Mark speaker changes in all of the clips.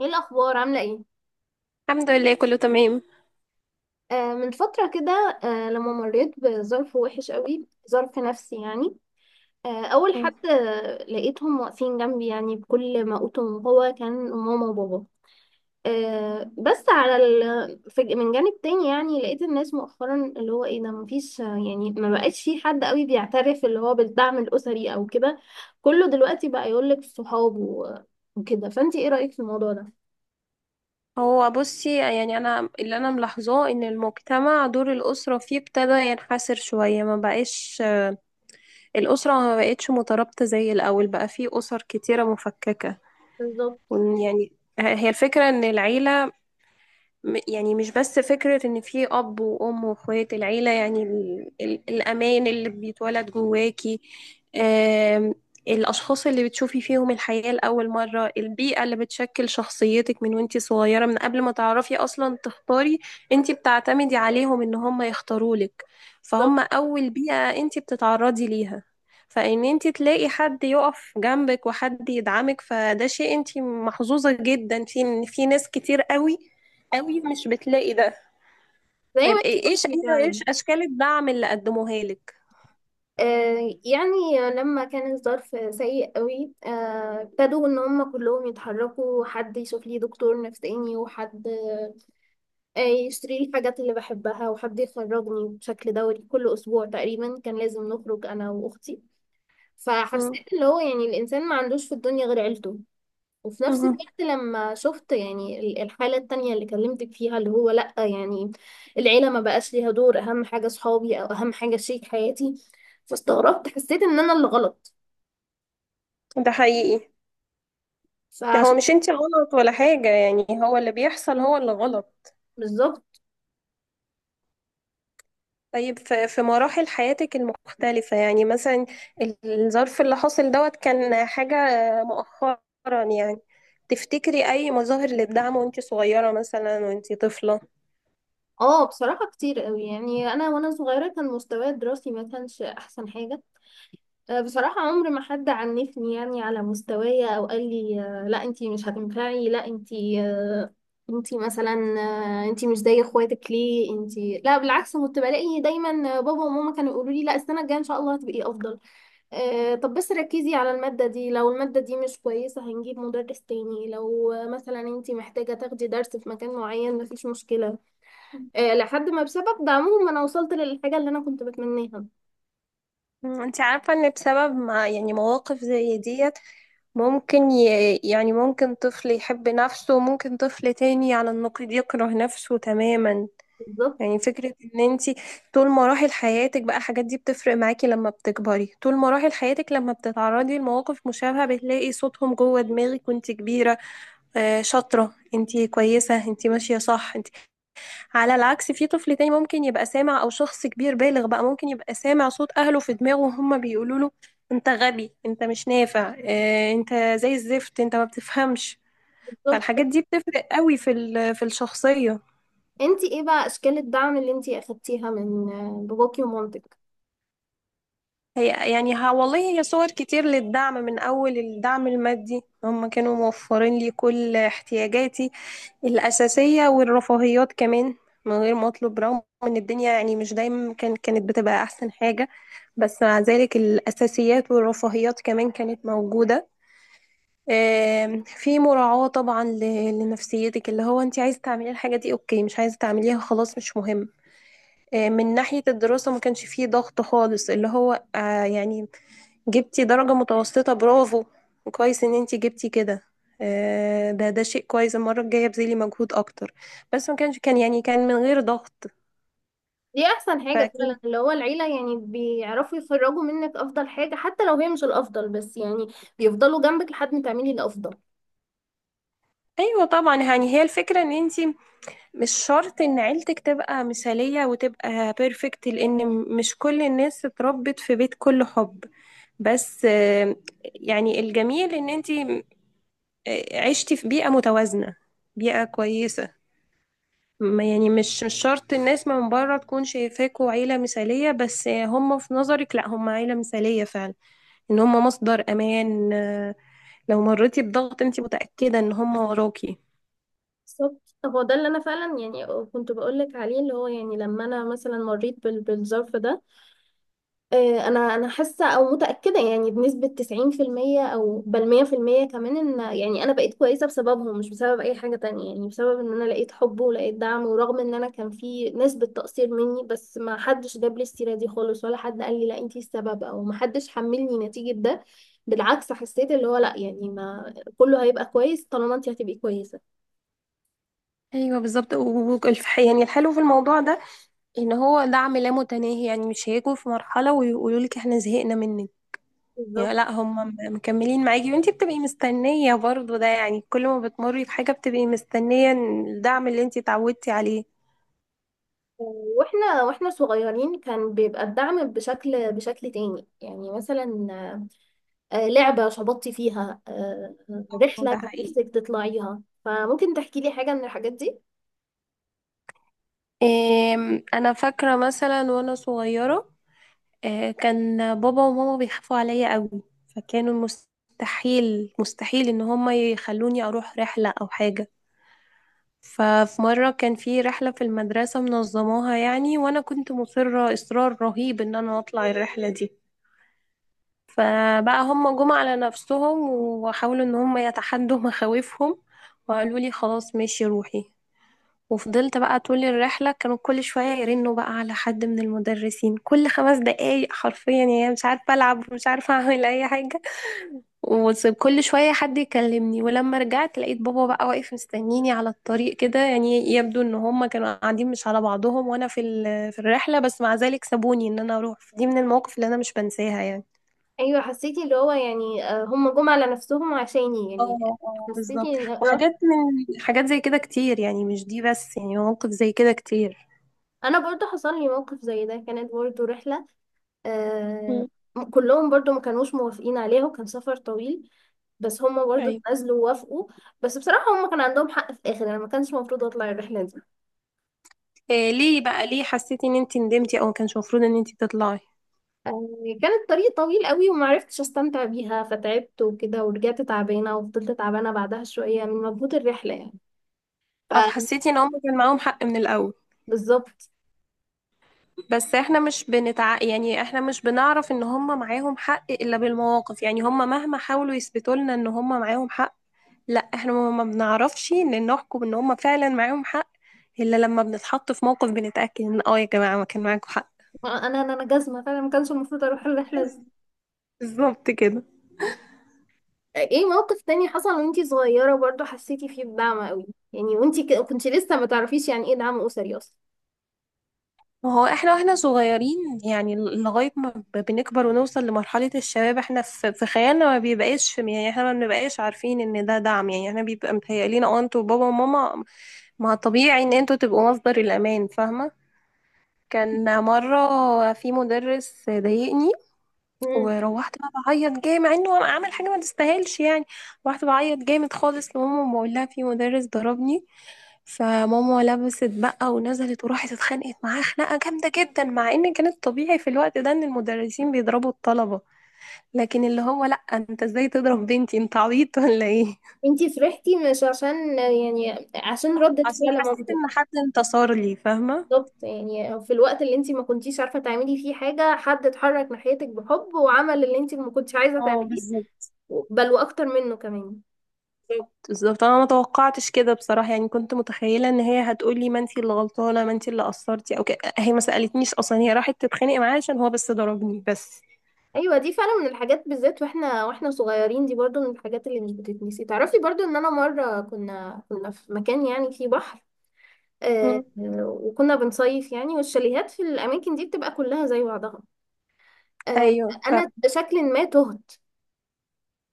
Speaker 1: ايه الاخبار؟ عامله ايه؟
Speaker 2: الحمد لله كله تمام.
Speaker 1: من فتره كده، لما مريت بظرف وحش قوي. ظرف نفسي يعني. اول
Speaker 2: مم.
Speaker 1: حد لقيتهم واقفين جنبي، يعني بكل ما اوتهم هو كان ماما وبابا. بس من جانب تاني، يعني لقيت الناس مؤخرا اللي هو ايه ده، مفيش يعني ما بقاش في حد قوي بيعترف اللي هو بالدعم الاسري او كده. كله دلوقتي بقى يقولك صحاب وكده، فانت ايه رايك في الموضوع ده؟
Speaker 2: هو بصي، يعني انا اللي انا ملاحظاه ان المجتمع دور الاسره فيه ابتدى ينحسر شويه. ما بقاش الاسره ما بقتش مترابطه زي الاول، بقى فيه اسر كتيره مفككه.
Speaker 1: بالظبط.
Speaker 2: وإن يعني هي الفكره ان العيله، يعني مش بس فكرة ان في اب وام واخوات، العيلة يعني الامان اللي بيتولد جواكي. آم، الاشخاص اللي بتشوفي فيهم الحياة لأول مرة، البيئة اللي بتشكل شخصيتك من وانتي صغيرة، من قبل ما تعرفي اصلا تختاري. انتي بتعتمدي عليهم ان هم يختارولك.
Speaker 1: بالظبط.
Speaker 2: فهم اول بيئة انتي بتتعرضي ليها. فان انتي تلاقي حد يقف جنبك وحد يدعمك فده شيء انتي محظوظة جدا في. في ناس كتير قوي قوي مش بتلاقي ده.
Speaker 1: زي
Speaker 2: طيب
Speaker 1: ما انت قلتي فعلا.
Speaker 2: ايش اشكال الدعم اللي قدموها لك؟
Speaker 1: يعني لما كان الظرف سيء قوي ابتدوا ان هم كلهم يتحركوا، حد يشوف لي دكتور نفساني، وحد يشتري لي الحاجات اللي بحبها، وحد يخرجني بشكل دوري، كل اسبوع تقريبا كان لازم نخرج انا واختي.
Speaker 2: مم.
Speaker 1: فحسيت اللي هو يعني الانسان ما عندوش في الدنيا غير عيلته. وفي نفس
Speaker 2: مم.
Speaker 1: الوقت لما شفت يعني الحالة التانية اللي كلمتك فيها، اللي هو لأ يعني العيلة ما بقاش ليها دور، أهم حاجة صحابي أو أهم حاجة شريك حياتي. فاستغربت، حسيت إن أنا اللي غلط.
Speaker 2: ده حقيقي. ده
Speaker 1: فعشان...
Speaker 2: هو مش انت غلط ولا حاجة، يعني هو اللي بيحصل هو اللي غلط.
Speaker 1: بالظبط.
Speaker 2: طيب في مراحل حياتك المختلفة، يعني مثلا الظرف اللي حصل دوت كان حاجة مؤخرا يعني. تفتكري أي مظاهر للدعم وانت صغيرة، مثلا وانت طفلة؟
Speaker 1: اه، بصراحة كتير قوي. يعني أنا وأنا صغيرة كان مستواي الدراسي ما كانش أحسن حاجة. بصراحة عمر ما حد عنفني يعني على مستوايا، أو قال لي لا أنتي مش هتنفعي، لا أنتي، أنتي مثلا، أنتي مش زي اخواتك، ليه أنتي؟ لا، بالعكس كنت بلاقي دايما بابا وماما كانوا يقولوا لي لا، السنة الجاية إن شاء الله هتبقي أفضل. طب بس ركزي على المادة دي، لو المادة دي مش كويسة هنجيب مدرس تاني، لو مثلا أنتي محتاجة تاخدي درس في مكان معين مفيش مشكلة. لحد ما بسبب دعمهم أنا وصلت للحاجة اللي أنا كنت بتمناها.
Speaker 2: مم. انت عارفة ان بسبب ما يعني مواقف زي ديت ممكن يعني ممكن طفل يحب نفسه وممكن طفل تاني على النقيض يكره نفسه تماما.
Speaker 1: بالظبط.
Speaker 2: يعني فكرة ان انتي طول مراحل حياتك بقى الحاجات دي بتفرق معاكي لما بتكبري. طول مراحل حياتك لما بتتعرضي لمواقف مشابهة بتلاقي صوتهم جوه دماغك وانتي كبيرة. آه شاطرة انتي، كويسة انتي، ماشية صح انتي. على العكس في طفل تاني ممكن يبقى سامع، او شخص كبير بالغ بقى ممكن يبقى سامع صوت اهله في دماغه وهم بيقولوا له: انت غبي، انت مش نافع، اه انت زي الزفت، انت ما بتفهمش. فالحاجات
Speaker 1: بالظبط.
Speaker 2: دي بتفرق قوي في في الشخصية.
Speaker 1: انتي ايه بقى اشكال الدعم اللي انتي اخدتيها من باباكي ومامتك؟
Speaker 2: هي يعني ها والله هي صور كتير للدعم. من أول الدعم المادي، هم كانوا موفرين لي كل احتياجاتي الأساسية والرفاهيات كمان من غير ما أطلب. رغم إن الدنيا يعني مش دايما كانت بتبقى أحسن حاجة، بس مع ذلك الأساسيات والرفاهيات كمان كانت موجودة. في مراعاة طبعا لنفسيتك، اللي هو أنت عايزة تعملي الحاجة دي أوكي، مش عايزة تعمليها خلاص مش مهم. من ناحية الدراسة ما كانش فيه ضغط خالص، اللي هو يعني جبتي درجة متوسطة برافو، وكويس ان انتي جبتي كده. ده شيء كويس، المرة الجاية بذلي مجهود اكتر. بس ما كانش، كان يعني كان من غير ضغط.
Speaker 1: دي احسن حاجة
Speaker 2: فكان،
Speaker 1: فعلا، اللي هو العيلة يعني بيعرفوا يخرجوا منك افضل حاجة، حتى لو هي مش الافضل، بس يعني بيفضلوا جنبك لحد ما تعملي الافضل.
Speaker 2: ايوه طبعا يعني هي الفكرة ان انتي مش شرط ان عيلتك تبقى مثالية وتبقى بيرفكت. لان مش كل الناس اتربت في بيت كله حب. بس يعني الجميل ان انتي عشتي في بيئة متوازنة، بيئة كويسة. يعني مش شرط الناس من بره تكون شايفاكوا عيلة مثالية، بس هم في نظرك لا، هم عيلة مثالية فعلا. ان هم مصدر امان. لو مريتي بضغط انت متأكدة ان هم وراكي.
Speaker 1: بالظبط، هو ده اللي انا فعلا يعني كنت بقولك عليه، اللي هو يعني لما انا مثلا مريت بالظرف ده، انا حاسه او متاكده يعني بنسبه 90% او بل 100% كمان، ان يعني انا بقيت كويسه بسببهم مش بسبب اي حاجه تانية. يعني بسبب ان انا لقيت حب ولقيت دعم، ورغم ان انا كان في نسبه تقصير مني، بس ما حدش جاب لي السيره دي خالص، ولا حد قال لي لا انتي السبب، او ما حدش حملني نتيجه ده. بالعكس، حسيت اللي هو لا، يعني ما كله هيبقى كويس طالما انتي هتبقي كويسه.
Speaker 2: ايوه بالظبط. يعني الحلو في الموضوع ده ان هو دعم لا متناهي، يعني مش هيجوا في مرحلة ويقولوا لك احنا زهقنا منك. يعني
Speaker 1: بالظبط.
Speaker 2: لا، هم مكملين معاكي وانتي بتبقي مستنية برضو. ده يعني كل ما بتمري بحاجة بتبقي مستنية الدعم اللي انتي اتعودتي عليه.
Speaker 1: واحنا صغيرين كان بيبقى الدعم بشكل تاني، يعني مثلا لعبة شبطتي فيها، رحلة
Speaker 2: ده
Speaker 1: كانت
Speaker 2: حقيقي.
Speaker 1: نفسك تطلعيها، فممكن تحكي لي حاجة من الحاجات دي.
Speaker 2: انا فاكره مثلا وانا صغيره، كان بابا وماما بيخافوا عليا قوي. فكانوا مستحيل مستحيل ان هم يخلوني اروح رحله او حاجه. ففي مره كان في رحله في المدرسه منظماها يعني، وانا كنت مصره اصرار رهيب ان انا اطلع الرحله دي. فبقى هم جم على نفسهم وحاولوا ان هم يتحدوا مخاوفهم، وقالوا لي خلاص ماشي روحي. وفضلت بقى طول الرحلة كانوا كل شوية يرنوا بقى على حد من المدرسين، كل 5 دقايق حرفيا. يعني مش عارفة ألعب ومش عارفة أعمل أي حاجة، وكل شوية حد يكلمني. ولما رجعت لقيت بابا بقى واقف مستنيني على الطريق كده. يعني يبدو إن هما كانوا قاعدين مش على بعضهم وأنا في في الرحلة، بس مع ذلك سابوني إن أنا أروح. دي من المواقف اللي أنا مش بنساها يعني.
Speaker 1: أيوة، حسيتي اللي هو يعني هم جم على نفسهم عشاني يعني.
Speaker 2: اه اه
Speaker 1: حسيتي
Speaker 2: بالظبط،
Speaker 1: إن
Speaker 2: وحاجات من حاجات زي كده كتير، يعني مش دي بس، يعني مواقف زي كده كتير.
Speaker 1: أنا برضو حصل لي موقف زي ده، كانت برضو رحلة. آه،
Speaker 2: مم.
Speaker 1: كلهم برضو ما كانوش موافقين عليها، وكان سفر طويل، بس هم برضو
Speaker 2: أيوة.
Speaker 1: اتنازلوا ووافقوا. بس بصراحة هم كان عندهم حق في الآخر، أنا ما كانش المفروض أطلع الرحلة دي.
Speaker 2: إيه ليه بقى، ليه حسيتي ان انت ندمتي او ما كانش المفروض ان انت تطلعي؟
Speaker 1: آه، كان الطريق طويل قوي ومعرفتش استمتع بيها، فتعبت وكده، ورجعت تعبانه وفضلت تعبانه بعدها شويه من مجهود الرحله يعني.
Speaker 2: او حسيتي ان هم كان معاهم حق من الاول.
Speaker 1: فبالظبط.
Speaker 2: بس احنا مش بنتع يعني، احنا مش بنعرف ان هم معاهم حق الا بالمواقف. يعني هم مهما حاولوا يثبتوا لنا ان هم معاهم حق، لا احنا ما بنعرفش ان نحكم ان هم فعلا معاهم حق الا لما بنتحط في موقف بنتأكد ان اه يا جماعة ما كان معاكم حق.
Speaker 1: انا انا أنا جزمه فعلا ما كانش المفروض اروح الرحله دي.
Speaker 2: بالظبط كده.
Speaker 1: ايه موقف تاني حصل وانتي صغيره برضو حسيتي فيه بدعم قوي، يعني وانتي كنتي لسه ما تعرفيش يعني ايه دعم اسري اصلا؟
Speaker 2: ما هو احنا واحنا صغيرين، يعني لغاية ما بنكبر ونوصل لمرحلة الشباب، احنا في, في خيالنا ما بيبقاش في، يعني احنا ما بنبقاش عارفين ان ده دعم. يعني احنا بيبقى متهيألينا اه انتوا بابا وماما، ما طبيعي ان انتوا تبقوا مصدر الامان، فاهمة. كان مرة في مدرس ضايقني،
Speaker 1: مم.
Speaker 2: وروحت بقى بعيط جامد مع انه انا عامل حاجه ما تستاهلش يعني. روحت بعيط جامد خالص لماما، بقول لها في مدرس ضربني. فماما لبست بقى ونزلت وراحت اتخانقت معاه خناقه جامده جدا. مع ان كانت طبيعي في الوقت ده ان المدرسين بيضربوا الطلبه، لكن اللي هو لا انت ازاي تضرب بنتي، انت عبيط ولا ايه؟
Speaker 1: انتي فرحتي مش عشان يعني عشان ردة
Speaker 2: عشان
Speaker 1: فعل
Speaker 2: حسيت
Speaker 1: مامتك؟
Speaker 2: ان حد انتصر لي، فاهمه.
Speaker 1: بالظبط، يعني في الوقت اللي انت ما كنتيش عارفه تعملي فيه حاجه، حد اتحرك ناحيتك بحب وعمل اللي انت ما كنتش عايزه
Speaker 2: اه
Speaker 1: تعمليه،
Speaker 2: بالظبط
Speaker 1: بل واكتر منه كمان.
Speaker 2: بالظبط بالظبط. انا ما توقعتش كده بصراحه، يعني كنت متخيله ان هي هتقولي ما انتي اللي غلطانه، ما انتي اللي قصرتي او كده. هي ما سالتنيش اصلا، هي راحت تتخانق معاه عشان هو بس ضربني بس.
Speaker 1: ايوه، دي فعلا من الحاجات، بالذات واحنا صغيرين، دي برضو من الحاجات اللي مش بتتنسي. تعرفي برضو ان انا مره كنا في مكان يعني فيه بحر، آه،
Speaker 2: مم.
Speaker 1: وكنا بنصيف يعني، والشاليهات في الاماكن دي بتبقى كلها زي بعضها. آه،
Speaker 2: ايوه ف.
Speaker 1: انا بشكل ما تهت.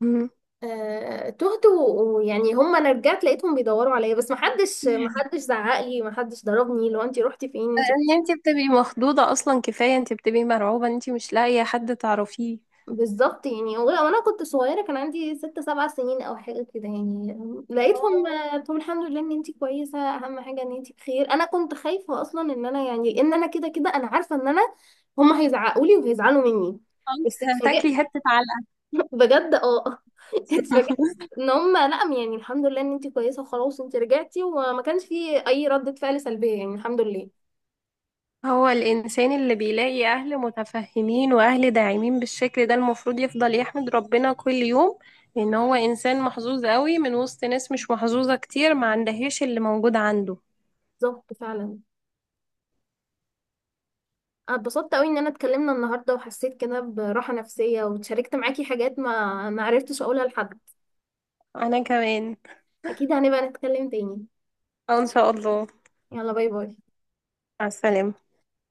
Speaker 2: مم.
Speaker 1: ويعني هم، انا رجعت لقيتهم بيدوروا عليا، بس محدش زعق لي، محدش ضربني لو انت رحتي فين انت.
Speaker 2: انت بتبقي مخضوضة اصلا، كفاية انت بتبقي مرعوبة انت مش لاقية حد تعرفيه.
Speaker 1: بالظبط، يعني وانا كنت صغيره كان عندي 6 7 سنين او حاجه كده يعني. لقيتهم،
Speaker 2: اه
Speaker 1: قلت لهم الحمد لله ان انت كويسه، اهم حاجه ان انت بخير. انا كنت خايفه اصلا ان انا يعني ان انا كده كده، انا عارفه ان انا هم هيزعقوا لي وهيزعلوا مني،
Speaker 2: انت
Speaker 1: بس
Speaker 2: هتاكلي
Speaker 1: اتفاجئت
Speaker 2: حتة علقة.
Speaker 1: بجد. اه اتفاجئت ان هم لا، يعني الحمد لله ان انت كويسه وخلاص انت رجعتي، وما كانش في اي ردة فعل سلبيه يعني، الحمد لله.
Speaker 2: هو الإنسان اللي بيلاقي أهل متفهمين وأهل داعمين بالشكل ده المفروض يفضل يحمد ربنا كل يوم إن هو إنسان محظوظ قوي، من وسط ناس مش محظوظة كتير ما عندهاش اللي موجود عنده.
Speaker 1: بالظبط فعلا. أنا اتبسطت قوي ان انا اتكلمنا النهارده، وحسيت كده براحه نفسيه، وشاركت معاكي حاجات ما عرفتش اقولها لحد.
Speaker 2: أنا كمان.
Speaker 1: اكيد هنبقى نتكلم تاني.
Speaker 2: آه، إن شاء الله.
Speaker 1: يلا، باي باي.
Speaker 2: مع السلامة.